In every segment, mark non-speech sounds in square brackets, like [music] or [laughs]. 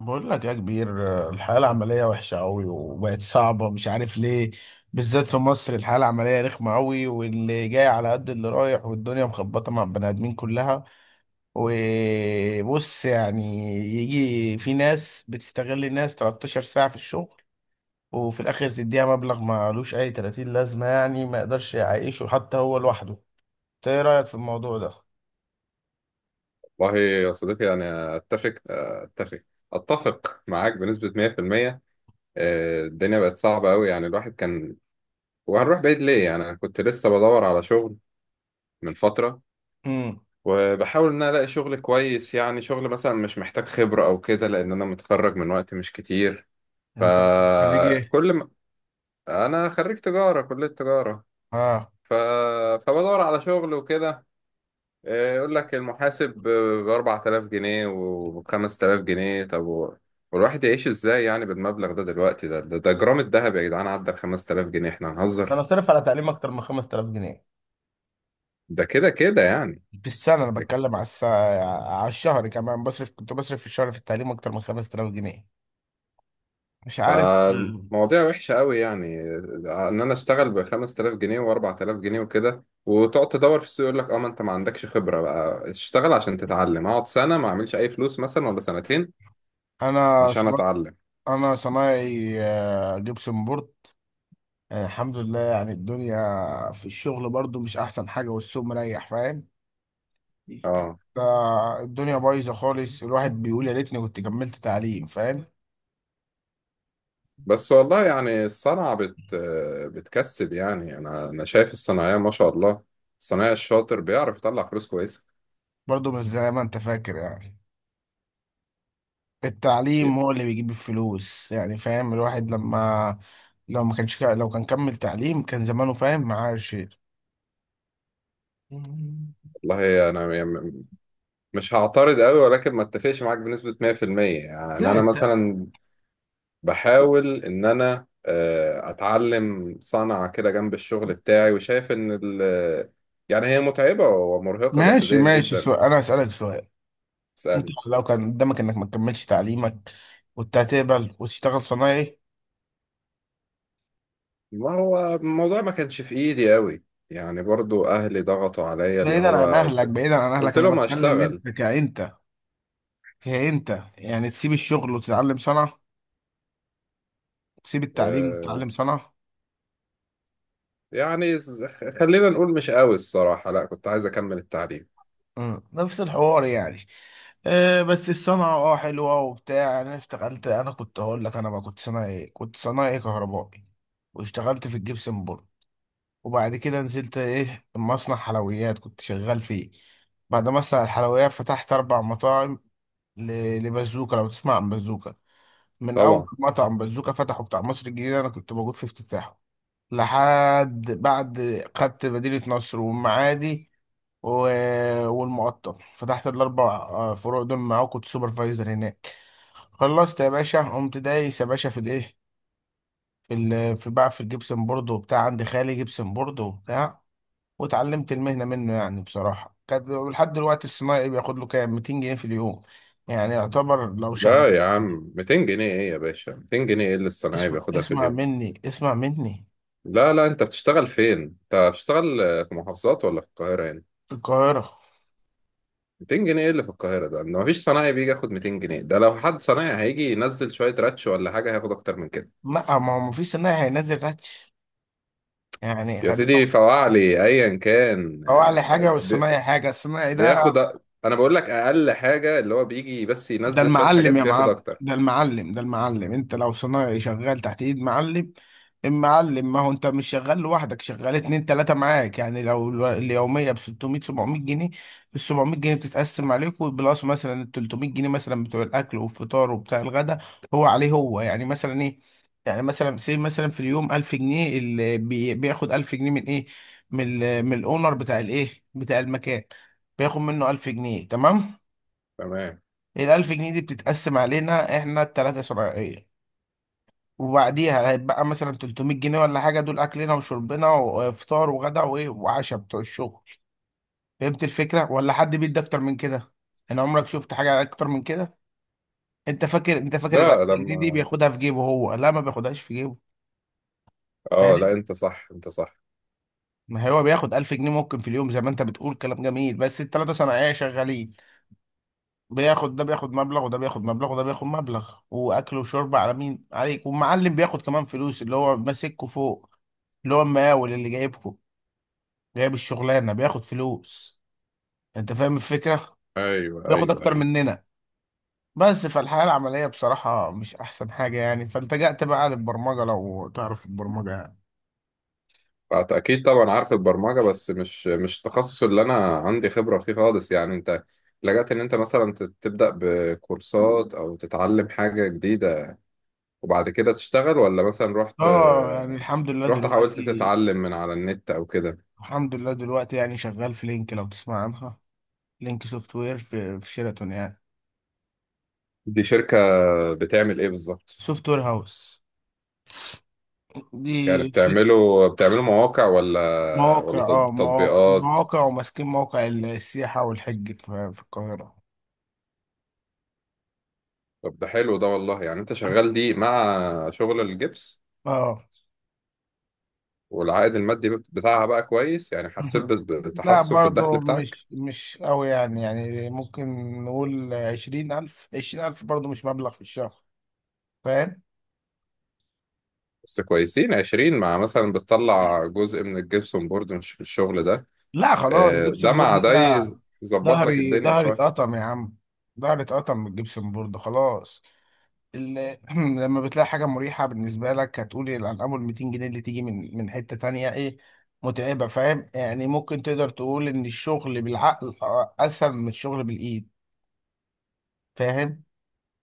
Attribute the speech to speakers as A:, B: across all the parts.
A: بقول لك يا كبير، الحياة العملية وحشة أوي وبقت صعبة، مش عارف ليه. بالذات في مصر الحياة العملية رخمة أوي، واللي جاي على قد اللي رايح، والدنيا مخبطة مع البني آدمين كلها. وبص يعني، يجي في ناس بتستغل الناس 13 ساعة في الشغل، وفي الآخر تديها مبلغ مالوش أي 30 لازمة، يعني ما يقدرش يعيشه حتى هو لوحده. إنت إيه رأيك في الموضوع ده؟
B: والله يا صديقي، أنا أتفق معاك بنسبة 100%. آه، الدنيا بقت صعبة أوي. يعني الواحد كان وهنروح بعيد ليه؟ يعني أنا كنت لسه بدور على شغل من فترة،
A: امم.
B: وبحاول إن أنا ألاقي شغل كويس، يعني شغل مثلا مش محتاج خبرة أو كده، لأن أنا متخرج من وقت مش كتير.
A: أنت خريج ايه؟
B: فكل ما أنا خريج تجارة، كلية تجارة.
A: آه.
B: ف... فبدور على شغل وكده. آه، يقول لك المحاسب ب 4000 جنيه و 5000 جنيه. والواحد يعيش ازاي يعني بالمبلغ ده؟ دلوقتي ده جرام الذهب يا جدعان عدى ال 5000 جنيه، احنا هنهزر؟
A: أنا صرف على تعليم أكتر من 5000 جنيه
B: ده كده كده يعني.
A: في السنة. أنا بتكلم على الساعة، على الشهر كمان. كنت بصرف في الشهر في التعليم أكتر من 5000 جنيه. مش عارف.
B: فالمواضيع وحشة قوي، يعني ان انا اشتغل ب 5000 جنيه و 4000 جنيه وكده، وتقعد تدور في السوق يقول لك اه ما انت ما عندكش خبرة، بقى اشتغل عشان تتعلم، اقعد سنة ما اعملش اي فلوس مثلا ولا سنتين
A: أنا
B: عشان
A: صنا...
B: اتعلم.
A: أنا صنايعي، جبسن بورد. الحمد لله. يعني الدنيا في الشغل برضو مش أحسن حاجة، والسوق مريح، فاهم؟
B: اه
A: ده الدنيا بايظة خالص، الواحد بيقول يا ريتني كنت كملت تعليم، فاهم؟
B: بس والله، يعني الصنعة بتكسب. يعني أنا شايف الصناعية ما شاء الله، الصنايعي الشاطر بيعرف يطلع فلوس كويسة.
A: برضو مش زي ما أنت فاكر يعني. التعليم هو اللي بيجيب الفلوس يعني، فاهم؟ الواحد لما لو ما كانش لو كان كمل تعليم كان زمانه فاهم معاه شيء.
B: والله أنا مش هعترض قوي، ولكن ما اتفقش معاك بنسبة 100%. يعني
A: لا
B: أنا
A: الت...
B: مثلا بحاول إن أنا، آه، أتعلم صنعة كده جنب الشغل بتاعي، وشايف إن يعني هي متعبة ومرهقة
A: ماشي
B: جسديا
A: ماشي،
B: جدا.
A: سؤال انا هسألك سؤال: انت لو كان قدامك انك ما تكملش تعليمك كنت هتقبل وتشتغل صنايعي؟
B: ما هو الموضوع ما كانش في ايدي قوي، يعني برضو اهلي ضغطوا عليا، اللي
A: بعيدا عن
B: هو
A: اهلك، بعيدا عن اهلك،
B: قلت
A: انا
B: لهم
A: بتكلم
B: هشتغل.
A: انت كأنت يعني تسيب الشغل وتتعلم صنعة، تسيب التعليم
B: آه،
A: وتتعلم صنعة.
B: يعني ز- خلينا نقول مش قوي الصراحة، لا كنت عايز اكمل التعليم.
A: مم. نفس الحوار يعني. آه، بس الصنعة حلوة وبتاع. انا كنت هقول لك انا بقى كنت صنايعي، كهربائي، واشتغلت في الجبسن بورد، وبعد كده نزلت مصنع حلويات كنت شغال فيه. بعد مصنع الحلويات فتحت 4 مطاعم، لبازوكا، لو تسمع عن بازوكا. من اول
B: طبعا.
A: مطعم بازوكا فتحه بتاع مصر الجديدة انا كنت موجود في افتتاحه، لحد بعد خدت مدينة نصر والمعادي والمعطل، فتحت الاربع فروع دول معاه، كنت سوبرفايزر هناك. خلصت يا باشا، قمت دايس يا باشا في الايه في ال- في بقى في الجبسن بورد وبتاع. عندي خالي جبسن بورد وبتاع واتعلمت المهنه منه يعني. بصراحه كانت لحد دلوقتي الصنايعي بياخد له كام 200 جنيه في اليوم، يعني يعتبر لو شغل.
B: لا يا عم، 200 جنيه ايه يا باشا؟ 200 جنيه ايه اللي الصنايعي
A: اسمع
B: بياخدها في
A: اسمع
B: اليوم؟
A: مني، اسمع مني.
B: لا لا، انت بتشتغل فين؟ انت بتشتغل، آه، في محافظات ولا في القاهرة يعني؟
A: في القاهرة.
B: 200 جنيه ايه اللي في القاهرة ده؟ ان مفيش صنايعي بيجي ياخد 200 جنيه. ده لو حد صنايعي هيجي ينزل شوية راتش ولا حاجة هياخد اكتر من كده.
A: لا، ما هو مفيش صنايعي هينزل راتش يعني،
B: يا سيدي
A: خليهم.
B: فواعلي ايا كان،
A: هو أعلى حاجة، والصنايعي حاجة، الصنايعي ده
B: بياخد أ- انا بقول لك اقل حاجه، اللي هو بيجي بس
A: ده
B: ينزل شويه حاجات
A: المعلم يا
B: بياخد
A: معلم،
B: اكتر.
A: ده المعلم، ده المعلم. انت لو صنايعي شغال تحت ايد معلم، المعلم، ما هو انت مش شغال لوحدك، شغال اتنين تلاتة معاك. يعني لو اليومية ب 600 700 جنيه، ال 700 جنيه بتتقسم عليكوا، بلس مثلا ال 300 جنيه مثلا بتوع الاكل والفطار وبتاع الغدا هو عليه هو. يعني مثلا ايه، يعني مثلا سي مثلا في اليوم 1000 جنيه، اللي بياخد 1000 جنيه من ايه؟ من من الاونر بتاع بتاع المكان، بياخد منه 1000 جنيه، تمام.
B: تمام.
A: ال1000 جنيه دي بتتقسم علينا إحنا التلاتة شرعية، وبعديها هيتبقى مثلا 300 جنيه ولا حاجة، دول أكلنا وشربنا وفطار وغدا وإيه وعشاء بتوع الشغل. فهمت الفكرة؟ ولا حد بيدي أكتر من كده؟ أنا عمرك شفت حاجة أكتر من كده؟ أنت فاكر، أنت فاكر الألف
B: لا
A: جنيه دي
B: لما
A: بياخدها في جيبه هو؟ لا، ما بياخدهاش في جيبه،
B: اه لا،
A: فاهم؟
B: انت صح انت صح.
A: ما هو بياخد 1000 جنيه ممكن في اليوم زي ما أنت بتقول، كلام جميل، بس التلاتة صناعية شغالين. بياخد ده بياخد مبلغ، وده بياخد مبلغ، وده بياخد مبلغ، واكل وشرب على مين؟ عليك. والمعلم بياخد كمان فلوس، اللي هو ماسككوا فوق، اللي هو المقاول اللي جايبكوا، جايب الشغلانه، بياخد فلوس. انت فاهم الفكره؟
B: ايوه
A: بياخد
B: ايوه
A: اكتر
B: ايوه.
A: مننا. بس فالحياه العمليه بصراحه مش احسن حاجه، يعني فالتجأت بقى للبرمجه، لو تعرف البرمجه يعني.
B: اكيد طبعا عارف البرمجه، بس مش التخصص اللي انا عندي خبره فيه خالص. يعني انت لجأت ان انت مثلا تبدأ بكورسات او تتعلم حاجه جديده وبعد كده تشتغل؟ ولا مثلا رحت
A: اه، يعني
B: آه،
A: الحمد لله
B: رحت حاولت
A: دلوقتي،
B: تتعلم من على النت او كده؟
A: الحمد لله دلوقتي، يعني شغال في لينك، لو تسمع عنها. لينك سوفت وير، في شيراتون يعني.
B: دي شركة بتعمل ايه بالظبط؟
A: سوفت وير هاوس
B: يعني
A: دي.
B: بتعملوا مواقع ولا
A: مواقع
B: ولا
A: اه مواقع
B: تطبيقات؟
A: مواقع، وماسكين موقع السياحة والحج في القاهرة.
B: طب ده حلو ده، والله يعني انت شغال دي مع شغل الجبس.
A: اه.
B: والعائد المادي بتاعها بقى كويس يعني؟ حسيت
A: [laughs] لا
B: بتحسن في الدخل
A: برضو
B: بتاعك؟
A: مش قوي، يعني ممكن نقول 20000، 20000 برضو مش مبلغ في الشهر، فاهم؟
B: بس كويسين 20، مع مثلا بتطلع جزء من الجبسون بورد من الشغل ده.
A: لا خلاص،
B: آه، ده
A: جبسن بورد
B: مع ده
A: ده،
B: يظبط لك
A: ظهري
B: الدنيا
A: ظهري
B: شوية.
A: اتقطم يا عم، ظهري اتقطم من الجبسن بورد خلاص. ال- [clears throat] لما بتلاقي حاجة مريحة بالنسبة لك هتقول الأرقام، وال 200 جنيه اللي تيجي من حتة تانية إيه متعبة، فاهم؟ يعني ممكن تقدر تقول إن الشغل بالعقل أسهل من الشغل بالإيد، فاهم؟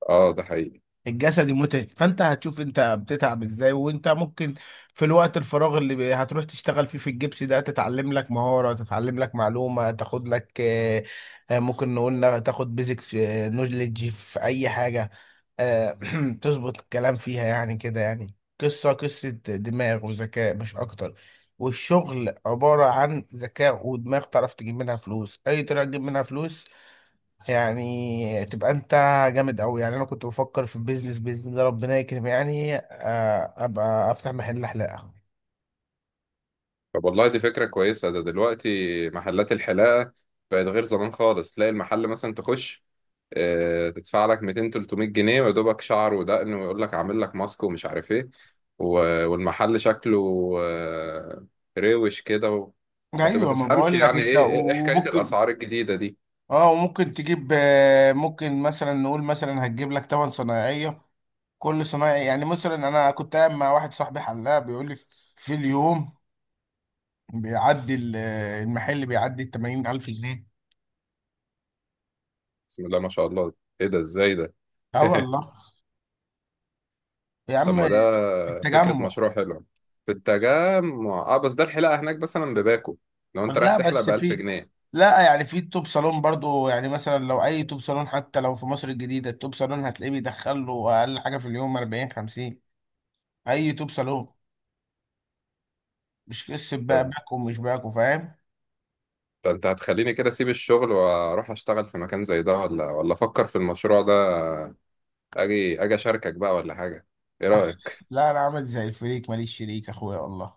B: اه ده حقيقي.
A: الجسدي متعب، فانت هتشوف انت بتتعب ازاي، وانت ممكن في الوقت الفراغ اللي هتروح تشتغل فيه في الجبس ده تتعلم لك مهارة، تتعلم لك معلومة، تاخد لك، ممكن نقول تاخد بيزك نولج في اي حاجة. آه. [clears throat] تظبط الكلام فيها يعني كده، يعني قصة دماغ وذكاء مش اكتر. والشغل عبارة عن ذكاء ودماغ، تعرف تجيب منها فلوس، اي طريقة تجيب منها فلوس، يعني تبقى انت جامد قوي. يعني انا كنت بفكر في البيزنس، باذن الله ربنا يكرم يعني، ابقى افتح محل حلاقه.
B: طب والله دي فكرة كويسة. ده دلوقتي محلات الحلاقة بقت غير زمان خالص، تلاقي المحل مثلا تخش، آه، تدفع لك 200 300 جنيه، ويدوبك شعر ودقن ويقول لك عامل لك ماسك ومش عارف ايه. والمحل شكله، آه، روش كده ما
A: ايوه، ما
B: تفهمش
A: بقول لك
B: يعني
A: انت،
B: ايه ايه إيه حكاية
A: وممكن،
B: الأسعار الجديدة دي؟
A: اه وممكن تجيب، ممكن مثلا نقول مثلا هتجيب لك 8 صنايعيه، كل صنايعي يعني. مثلا انا كنت قاعد مع واحد صاحبي حلاق بيقول لي في اليوم بيعدي المحل بيعدي ال 80000 جنيه.
B: بسم الله ما شاء الله، ايه ده؟ ازاي ده؟
A: اه
B: [laughs]
A: والله يا
B: طب
A: عم.
B: ما ده
A: في
B: فكرة
A: التجمع.
B: مشروع حلوة. في التجمع. اه بس ده الحلاقة هناك مثلا بباكو، لو انت رايح
A: لا،
B: تحلق
A: بس
B: بألف
A: في
B: جنيه
A: لا، يعني في توب صالون برضو يعني، مثلا لو اي توب صالون، حتى لو في مصر الجديدة التوب صالون هتلاقيه بيدخل له اقل حاجة في اليوم 40 50، اي توب صالون، مش قصة بقى باك ومش باك، وفاهم؟
B: ده انت هتخليني كده اسيب الشغل واروح اشتغل في مكان زي ده، ولا افكر في المشروع ده، اجي اشاركك بقى ولا حاجة. ايه رأيك؟
A: لا، انا عامل زي الفريق، ماليش شريك اخويا والله،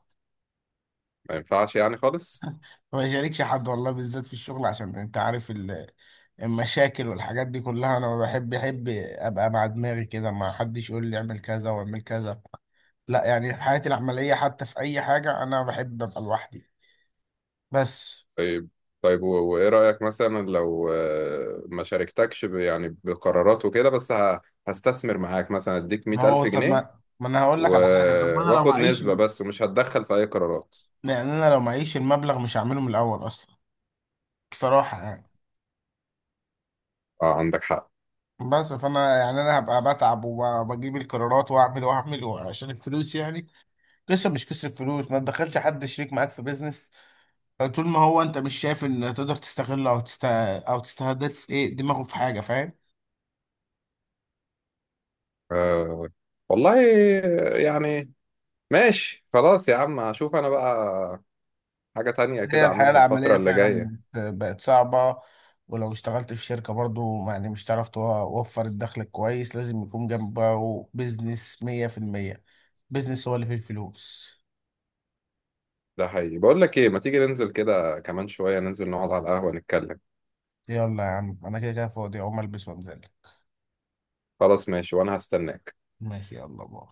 B: ما ينفعش يعني خالص.
A: ما يشاركش حد والله، بالذات في الشغل عشان انت عارف المشاكل والحاجات دي كلها، انا ما بحب، احب ابقى مع دماغي كده، ما حدش يقول لي اعمل كذا واعمل كذا. لا، يعني في حياتي العملية حتى في اي حاجة انا بحب ابقى لوحدي، بس.
B: طيب. طيب، وايه رأيك مثلا لو، آه، ما شاركتكش يعني بقرارات وكده، بس هستثمر معاك، مثلا اديك
A: ما هو،
B: 100000
A: طب
B: جنيه
A: ما انا هقول لك
B: و...
A: على حاجه، طب ما انا لو
B: واخد
A: معيش
B: نسبة بس، ومش هتدخل في اي قرارات.
A: يعني انا لو معيش المبلغ مش هعمله من الاول اصلا، بصراحه يعني.
B: اه عندك حق.
A: بس فانا يعني انا هبقى بتعب وبجيب القرارات، واعمل واعمل عشان الفلوس يعني. قصه، مش قصه فلوس، ما تدخلش حد شريك معاك في بيزنس طول ما هو انت مش شايف ان تقدر تستغله، او تستهدف ايه دماغه في حاجه، فاهم؟
B: آه والله، يعني ماشي خلاص يا عم، هشوف انا بقى حاجة تانية
A: هي
B: كده
A: الحياة
B: اعملها
A: العملية
B: الفترة اللي جاية.
A: فعلا بقت صعبة، ولو اشتغلت في شركة برضو يعني مش هتعرف توفر الدخل الكويس، لازم يكون جنبه بيزنس مية في المية. بيزنس هو اللي فيه الفلوس.
B: ده حقيقي. بقول لك ايه، ما تيجي ننزل كده كمان شوية، ننزل نقعد على القهوة نتكلم.
A: يلا يا عم، أنا كده كده فاضي، أقوم ألبس وأنزل.
B: خلاص ماشي، وانا هستناك.
A: ماشي، يلا باي.